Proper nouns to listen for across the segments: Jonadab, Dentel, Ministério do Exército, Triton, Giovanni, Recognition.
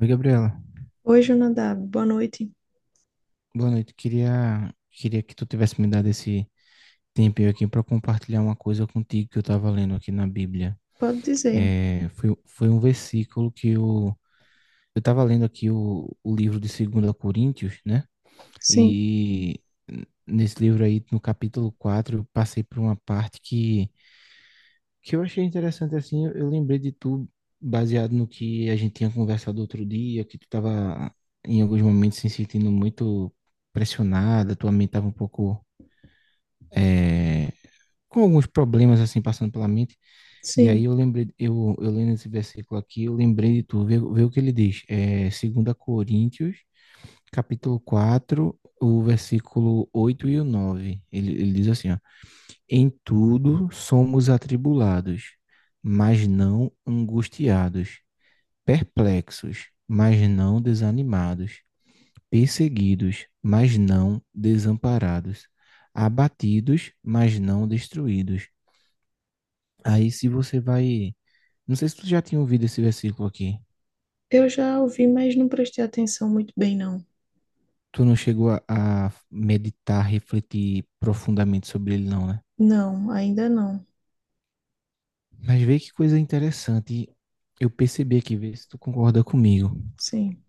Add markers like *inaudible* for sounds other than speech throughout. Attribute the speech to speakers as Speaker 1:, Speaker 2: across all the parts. Speaker 1: Oi, Gabriela.
Speaker 2: Oi, Jonadab, boa noite.
Speaker 1: Boa noite. Queria que tu tivesse me dado esse tempinho aqui para compartilhar uma coisa contigo que eu estava lendo aqui na Bíblia.
Speaker 2: Pode dizer.
Speaker 1: Foi um versículo que eu estava lendo aqui o livro de 2 Coríntios, né?
Speaker 2: Sim,
Speaker 1: E nesse livro aí, no capítulo 4 eu passei por uma parte que eu achei interessante assim, eu lembrei de tu baseado no que a gente tinha conversado outro dia, que tu tava em alguns momentos se sentindo muito pressionada, tua mente tava um pouco eh, com alguns problemas assim passando pela mente. E aí
Speaker 2: sim.
Speaker 1: eu lembrei, eu lendo esse versículo aqui, eu lembrei de tu, vê o que ele diz. É, 2 Coríntios, capítulo 4 o versículo 8 e o 9. Ele diz assim, ó, em tudo somos atribulados, mas não angustiados, perplexos, mas não desanimados, perseguidos, mas não desamparados, abatidos, mas não destruídos. Aí, se você vai. Não sei se tu já tinha ouvido esse versículo aqui.
Speaker 2: Eu já ouvi, mas não prestei atenção muito bem, não.
Speaker 1: Tu não chegou a meditar, refletir profundamente sobre ele, não, né?
Speaker 2: Não, ainda não.
Speaker 1: Mas vê que coisa interessante. Eu percebi aqui, vê se tu concorda comigo.
Speaker 2: Sim,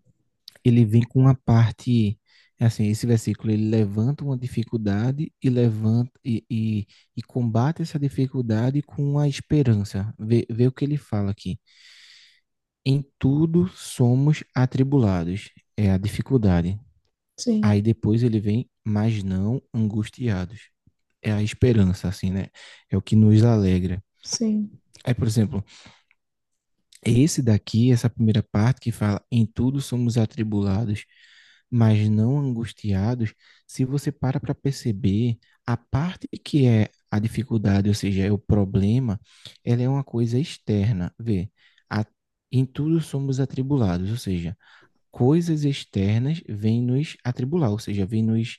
Speaker 1: Ele vem com uma parte, é assim, esse versículo, ele levanta uma dificuldade e levanta e combate essa dificuldade com a esperança. Vê o que ele fala aqui. Em tudo somos atribulados, é a dificuldade.
Speaker 2: sim,
Speaker 1: Aí depois ele vem, mas não angustiados. É a esperança, assim, né? É o que nos alegra.
Speaker 2: sim,
Speaker 1: Aí, por exemplo, esse daqui, essa primeira parte que fala em tudo somos atribulados, mas não angustiados, se você para perceber, a parte que é a dificuldade, ou seja, é o problema, ela é uma coisa externa. Vê, a- em tudo somos atribulados, ou seja, coisas externas vêm nos atribular, ou seja, vêm nos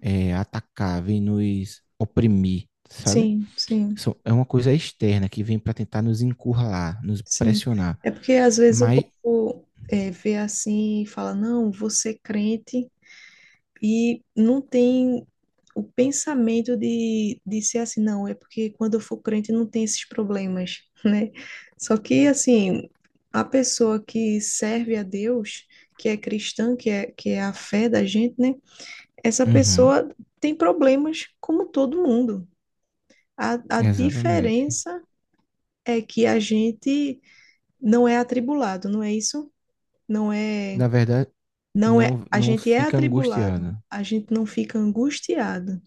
Speaker 1: atacar, vêm nos oprimir, sabe?
Speaker 2: sim, sim,
Speaker 1: É uma coisa externa que vem para tentar nos encurralar, nos
Speaker 2: sim.
Speaker 1: pressionar.
Speaker 2: É porque às vezes o
Speaker 1: Mas,
Speaker 2: povo vê assim e fala, não, você é crente. E não tem o pensamento de ser assim, não, é porque quando eu for crente não tem esses problemas, *laughs* né? Só que, assim, a pessoa que serve a Deus, que é cristã, que é a fé da gente, né? Essa
Speaker 1: uhum,
Speaker 2: pessoa tem problemas como todo mundo. A
Speaker 1: exatamente.
Speaker 2: diferença é que a gente não é atribulado, não é isso? Não é
Speaker 1: Na verdade,
Speaker 2: Não é,
Speaker 1: não
Speaker 2: a
Speaker 1: não
Speaker 2: gente é
Speaker 1: fica
Speaker 2: atribulado,
Speaker 1: angustiado.
Speaker 2: a gente não fica angustiado.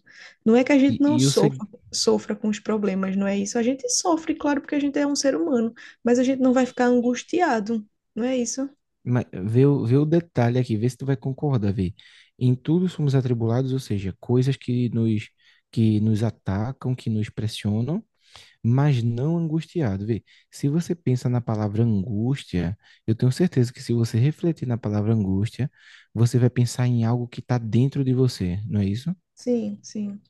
Speaker 2: Não é que a gente
Speaker 1: E,
Speaker 2: não
Speaker 1: e o seg-
Speaker 2: sofra, sofra com os problemas, não é isso? A gente sofre, claro, porque a gente é um ser humano, mas a gente não vai ficar angustiado, não é isso?
Speaker 1: Vê, vê o detalhe aqui, vê se tu vai concordar, vê. Em tudo somos atribulados, ou seja, coisas que nos atacam, que nos pressionam, mas não angustiado, vê. Se você pensa na palavra angústia, eu tenho certeza que se você refletir na palavra angústia, você vai pensar em algo que está dentro de você, não é isso?
Speaker 2: Sim, sim.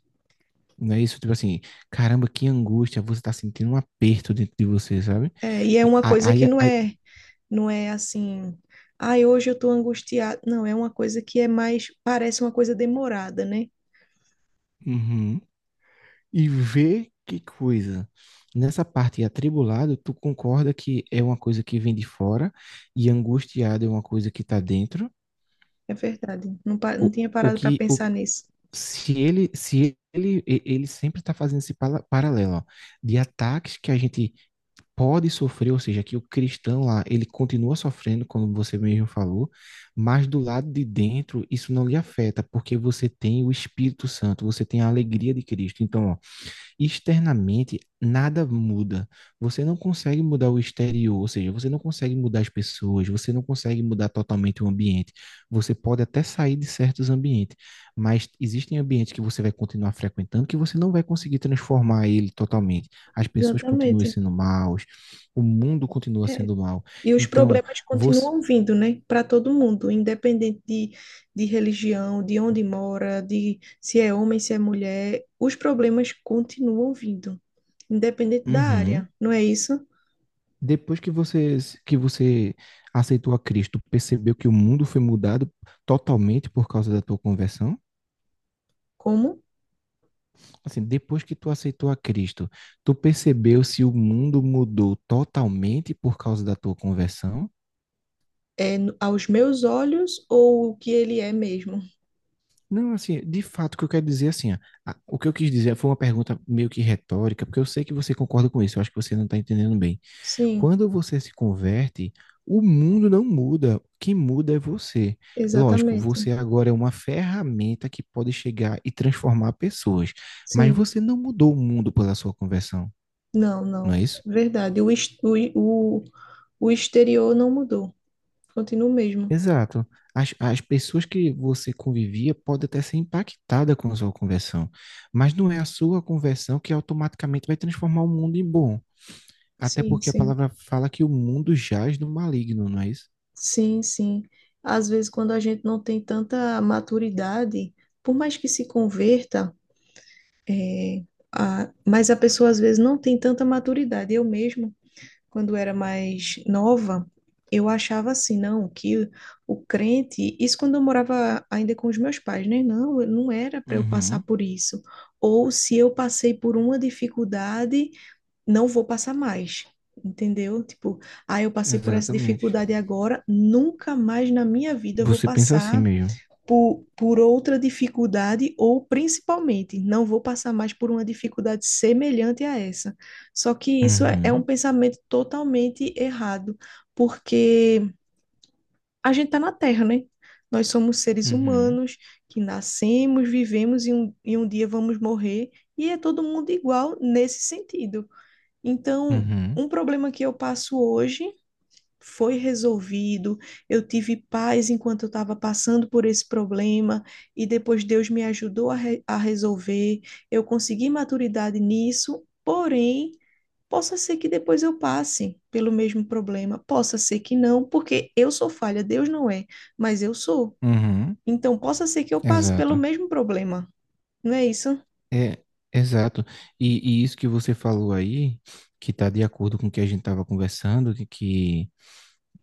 Speaker 1: Não é isso? Tipo assim, caramba, que angústia, você tá sentindo um aperto dentro de você, sabe?
Speaker 2: É, e é
Speaker 1: E
Speaker 2: uma
Speaker 1: Aí,
Speaker 2: coisa que
Speaker 1: aí,
Speaker 2: não
Speaker 1: aí-
Speaker 2: é, não é assim, ai, hoje eu estou angustiado. Não, é uma coisa que é mais, parece uma coisa demorada, né?
Speaker 1: Uhum. E vê que coisa. Nessa parte atribulado, tu concorda que é uma coisa que vem de fora e angustiado é uma coisa que tá dentro?
Speaker 2: É verdade. Não,
Speaker 1: O,
Speaker 2: não tinha
Speaker 1: o
Speaker 2: parado para
Speaker 1: que, o,
Speaker 2: pensar nisso.
Speaker 1: se ele, se ele, e- Ele sempre tá fazendo esse paralelo, ó, de ataques que a gente pode sofrer, ou seja, que o cristão lá, ele continua sofrendo, como você mesmo falou, mas do lado de dentro isso não lhe afeta, porque você tem o Espírito Santo, você tem a alegria de Cristo. Então, ó, externamente nada muda. Você não consegue mudar o exterior, ou seja, você não consegue mudar as pessoas, você não consegue mudar totalmente o ambiente. Você pode até sair de certos ambientes, mas existem ambientes que você vai continuar frequentando que você não vai conseguir transformar ele totalmente. As pessoas continuam
Speaker 2: Exatamente.
Speaker 1: sendo maus, o mundo continua
Speaker 2: É.
Speaker 1: sendo mau.
Speaker 2: E os
Speaker 1: Então,
Speaker 2: problemas
Speaker 1: você
Speaker 2: continuam vindo, né, para todo mundo, independente de religião, de onde mora, de se é homem, se é mulher, os problemas continuam vindo, independente da
Speaker 1: uhum.
Speaker 2: área, não é isso?
Speaker 1: Depois que você aceitou a Cristo, percebeu que o mundo foi mudado totalmente por causa da tua conversão?
Speaker 2: Como
Speaker 1: Assim, depois que tu aceitou a Cristo, tu percebeu se o mundo mudou totalmente por causa da tua conversão?
Speaker 2: é aos meus olhos ou o que ele é mesmo?
Speaker 1: Não, assim, de fato, o que eu quero dizer, é assim, ó, o que eu quis dizer foi uma pergunta meio que retórica, porque eu sei que você concorda com isso, eu acho que você não está entendendo bem.
Speaker 2: Sim,
Speaker 1: Quando você se converte, o mundo não muda, o que muda é você. Lógico,
Speaker 2: exatamente.
Speaker 1: você agora é uma ferramenta que pode chegar e transformar pessoas, mas
Speaker 2: Sim,
Speaker 1: você não mudou o mundo pela sua conversão,
Speaker 2: não,
Speaker 1: não é
Speaker 2: não,
Speaker 1: isso?
Speaker 2: verdade. O exterior não mudou, continua o mesmo.
Speaker 1: Exato. As pessoas que você convivia podem até ser impactadas com a sua conversão, mas não é a sua conversão que automaticamente vai transformar o mundo em bom. Até
Speaker 2: Sim,
Speaker 1: porque a
Speaker 2: sim.
Speaker 1: palavra fala que o mundo jaz no maligno, não é isso?
Speaker 2: Sim, sim. Às vezes, quando a gente não tem tanta maturidade, por mais que se converta, é, mas a pessoa às vezes não tem tanta maturidade. Eu mesma, quando era mais nova, eu achava assim, não, que o crente, isso quando eu morava ainda com os meus pais, né? Não, não era para eu passar
Speaker 1: Uhum,
Speaker 2: por isso. Ou se eu passei por uma dificuldade, não vou passar mais, entendeu? Tipo, ah, eu passei por essa
Speaker 1: exatamente.
Speaker 2: dificuldade agora, nunca mais na minha vida eu vou
Speaker 1: Você pensa assim
Speaker 2: passar
Speaker 1: mesmo.
Speaker 2: por outra dificuldade, ou principalmente, não vou passar mais por uma dificuldade semelhante a essa. Só que isso é um
Speaker 1: Uhum,
Speaker 2: pensamento totalmente errado, porque a gente está na Terra, né? Nós somos seres
Speaker 1: uhum,
Speaker 2: humanos que nascemos, vivemos e um dia vamos morrer, e é todo mundo igual nesse sentido. Então,
Speaker 1: uhum,
Speaker 2: um problema que eu passo hoje foi resolvido. Eu tive paz enquanto eu estava passando por esse problema e depois Deus me ajudou a resolver. Eu consegui maturidade nisso, porém, possa ser que depois eu passe pelo mesmo problema, possa ser que não, porque eu sou falha, Deus não é, mas eu sou.
Speaker 1: uhum.
Speaker 2: Então, possa ser que eu passe pelo
Speaker 1: Exato.
Speaker 2: mesmo problema, não é isso?
Speaker 1: É, exato. E isso que você falou aí, que está de acordo com o que a gente estava conversando,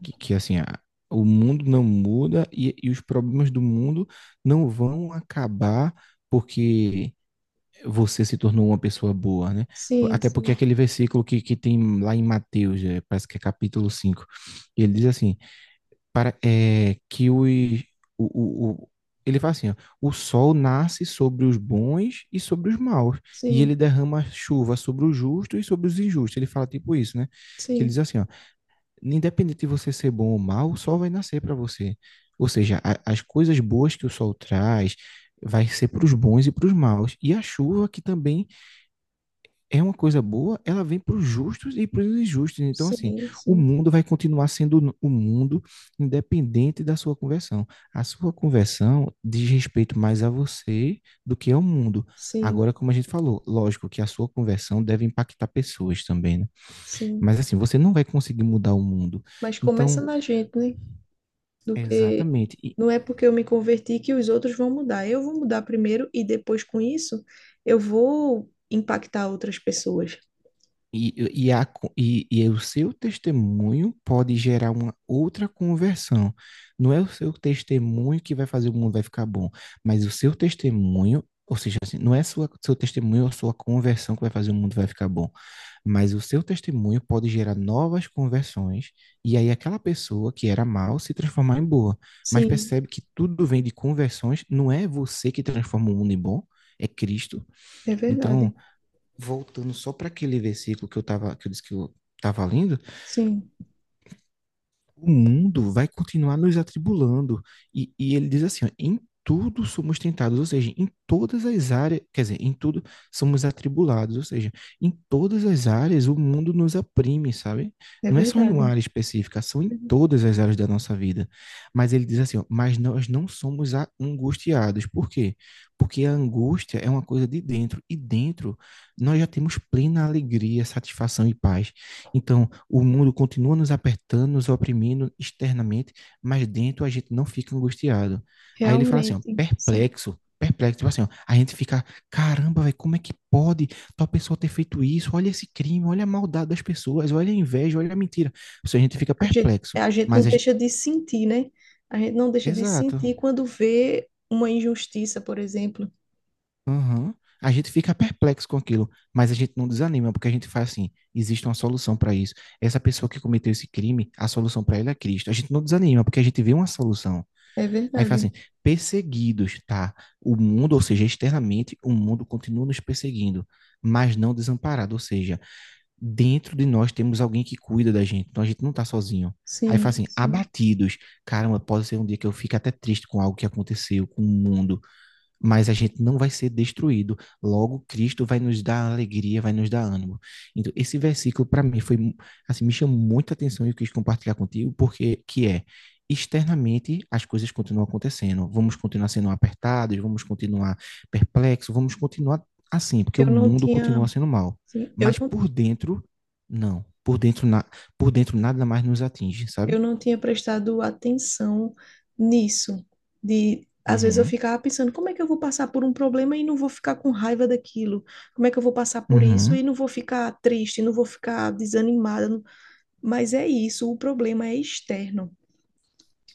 Speaker 1: que, que, assim, a- o mundo não muda e os problemas do mundo não vão acabar porque você se tornou uma pessoa boa, né?
Speaker 2: Sim,
Speaker 1: Até porque
Speaker 2: sim,
Speaker 1: aquele versículo que tem lá em Mateus, parece que é capítulo 5 ele diz assim, para, é, que os, o, o, o- ele fala assim, ó, o sol nasce sobre os bons e sobre os maus, e ele
Speaker 2: sim,
Speaker 1: derrama chuva sobre os justos e sobre os injustos. Ele fala tipo isso, né? Que ele
Speaker 2: sim,
Speaker 1: diz assim, ó, independente de você ser bom ou mal, o sol vai nascer para você. Ou seja, as coisas boas que o sol traz vai ser para os bons e para os maus. E a chuva, que também é uma coisa boa, ela vem para os justos e para os injustos. Então, assim,
Speaker 2: sim,
Speaker 1: o
Speaker 2: sim,
Speaker 1: mundo vai continuar sendo o mundo, independente da sua conversão. A sua conversão diz respeito mais a você do que ao mundo.
Speaker 2: sim.
Speaker 1: Agora, como a gente falou, lógico que a sua conversão deve impactar pessoas também, né?
Speaker 2: Sim,
Speaker 1: Mas assim, você não vai conseguir mudar o mundo.
Speaker 2: mas começa
Speaker 1: Então,
Speaker 2: na gente, né? Do que
Speaker 1: exatamente. E,
Speaker 2: não é porque eu me converti que os outros vão mudar. Eu vou mudar primeiro e depois com isso eu vou impactar outras pessoas.
Speaker 1: e, e, a, co- e, e o seu testemunho pode gerar uma outra conversão. Não é o seu testemunho que vai fazer o mundo vai ficar bom, mas o seu testemunho, ou seja, assim, não é sua, seu testemunho ou sua conversão que vai fazer o mundo vai ficar bom, mas o seu testemunho pode gerar novas conversões, e aí aquela pessoa que era mal se transformar em boa. Mas
Speaker 2: Sim,
Speaker 1: percebe que tudo vem de conversões, não é você que transforma o mundo em bom, é Cristo.
Speaker 2: é
Speaker 1: Então,
Speaker 2: verdade.
Speaker 1: voltando só para aquele versículo que eu tava, que eu disse que eu tava lendo,
Speaker 2: Sim,
Speaker 1: o mundo vai continuar nos atribulando. E ele diz assim: ó, em tudo somos tentados, ou seja, em todas as áreas, quer dizer, em tudo somos atribulados, ou seja, em todas as áreas o mundo nos oprime, sabe?
Speaker 2: é
Speaker 1: Não é só em uma
Speaker 2: verdade.
Speaker 1: área específica, são em todas as áreas da nossa vida. Mas ele diz assim, ó, mas nós não somos angustiados. Por quê? Porque a angústia é uma coisa de dentro, e dentro nós já temos plena alegria, satisfação e paz. Então, o mundo continua nos apertando, nos oprimindo externamente, mas dentro a gente não fica angustiado. Aí ele fala assim, ó,
Speaker 2: Realmente, sim.
Speaker 1: perplexo, perplexo, tipo assim, ó, a gente fica, caramba, velho, como é que pode tal pessoa ter feito isso? Olha esse crime, olha a maldade das pessoas, olha a inveja, olha a mentira. Ou seja, a gente fica
Speaker 2: A gente,
Speaker 1: perplexo,
Speaker 2: a gente não
Speaker 1: mas a gente...
Speaker 2: deixa de sentir, né? A gente não deixa de
Speaker 1: Exato.
Speaker 2: sentir quando vê uma injustiça, por exemplo.
Speaker 1: Aham. A gente fica perplexo com aquilo, mas a gente não desanima, porque a gente faz assim: existe uma solução para isso. Essa pessoa que cometeu esse crime, a solução para ele é Cristo. A gente não desanima, porque a gente vê uma solução.
Speaker 2: É
Speaker 1: Aí faz
Speaker 2: verdade.
Speaker 1: assim: perseguidos, tá? O mundo, ou seja, externamente, o mundo continua nos perseguindo, mas não desamparado. Ou seja, dentro de nós temos alguém que cuida da gente, então a gente não está sozinho. Aí faz
Speaker 2: Sim,
Speaker 1: assim:
Speaker 2: sim.
Speaker 1: abatidos. Caramba, pode ser um dia que eu fique até triste com algo que aconteceu, com o mundo, mas a gente não vai ser destruído. Logo, Cristo vai nos dar alegria, vai nos dar ânimo. Então, esse versículo para mim foi assim, me chamou muita atenção e eu quis compartilhar contigo porque que é externamente as coisas continuam acontecendo. Vamos continuar sendo apertados, vamos continuar perplexos, vamos continuar assim, porque o
Speaker 2: Eu não
Speaker 1: mundo continua
Speaker 2: tinha,
Speaker 1: sendo mal.
Speaker 2: sim,
Speaker 1: Mas por dentro, não. Por dentro nada mais nos atinge,
Speaker 2: Eu
Speaker 1: sabe?
Speaker 2: não tinha prestado atenção nisso, de às vezes eu
Speaker 1: Uhum.
Speaker 2: ficava pensando, como é que eu vou passar por um problema e não vou ficar com raiva daquilo? Como é que eu vou passar por isso
Speaker 1: Uhum.
Speaker 2: e não vou ficar triste, não vou ficar desanimada? Mas é isso, o problema é externo.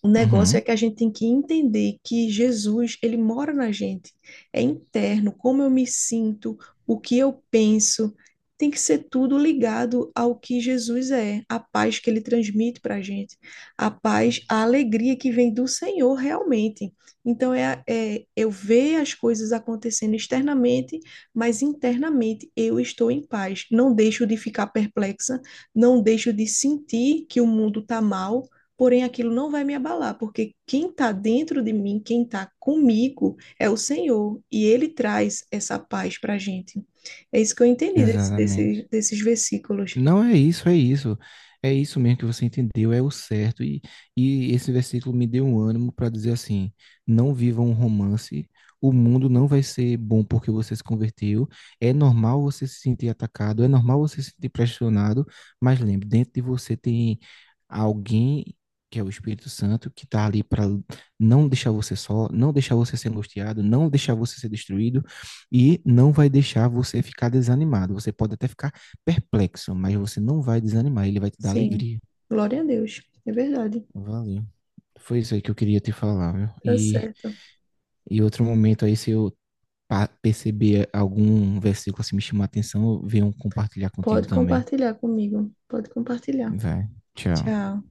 Speaker 2: O negócio é
Speaker 1: Uhum.
Speaker 2: que a gente tem que entender que Jesus, ele mora na gente. É interno, como eu me sinto, o que eu penso, tem que ser tudo ligado ao que Jesus é, a paz que ele transmite para a gente, a paz, a alegria que vem do Senhor realmente. Então, é eu ver as coisas acontecendo externamente, mas internamente eu estou em paz. Não deixo de ficar perplexa, não deixo de sentir que o mundo está mal, porém aquilo não vai me abalar, porque quem está dentro de mim, quem está comigo, é o Senhor, e Ele traz essa paz para a gente. É isso que eu entendi
Speaker 1: Exatamente.
Speaker 2: desses versículos.
Speaker 1: Não é isso, é isso. É isso mesmo que você entendeu, é o certo. E esse versículo me deu um ânimo para dizer assim: não viva um romance, o mundo não vai ser bom porque você se converteu. É normal você se sentir atacado, é normal você se sentir pressionado, mas lembre, dentro de você tem alguém que é o Espírito Santo que está ali para não deixar você só, não deixar você ser angustiado, não deixar você ser destruído e não vai deixar você ficar desanimado. Você pode até ficar perplexo, mas você não vai desanimar, ele vai te dar
Speaker 2: Sim,
Speaker 1: alegria.
Speaker 2: glória a Deus, é verdade,
Speaker 1: Valeu. Foi isso aí que eu queria te falar, viu?
Speaker 2: tá certo.
Speaker 1: E outro momento aí, se eu perceber algum versículo assim me chamar a atenção, eu venho compartilhar contigo
Speaker 2: Pode
Speaker 1: também.
Speaker 2: compartilhar comigo, pode compartilhar.
Speaker 1: Vai. Tchau.
Speaker 2: Tchau.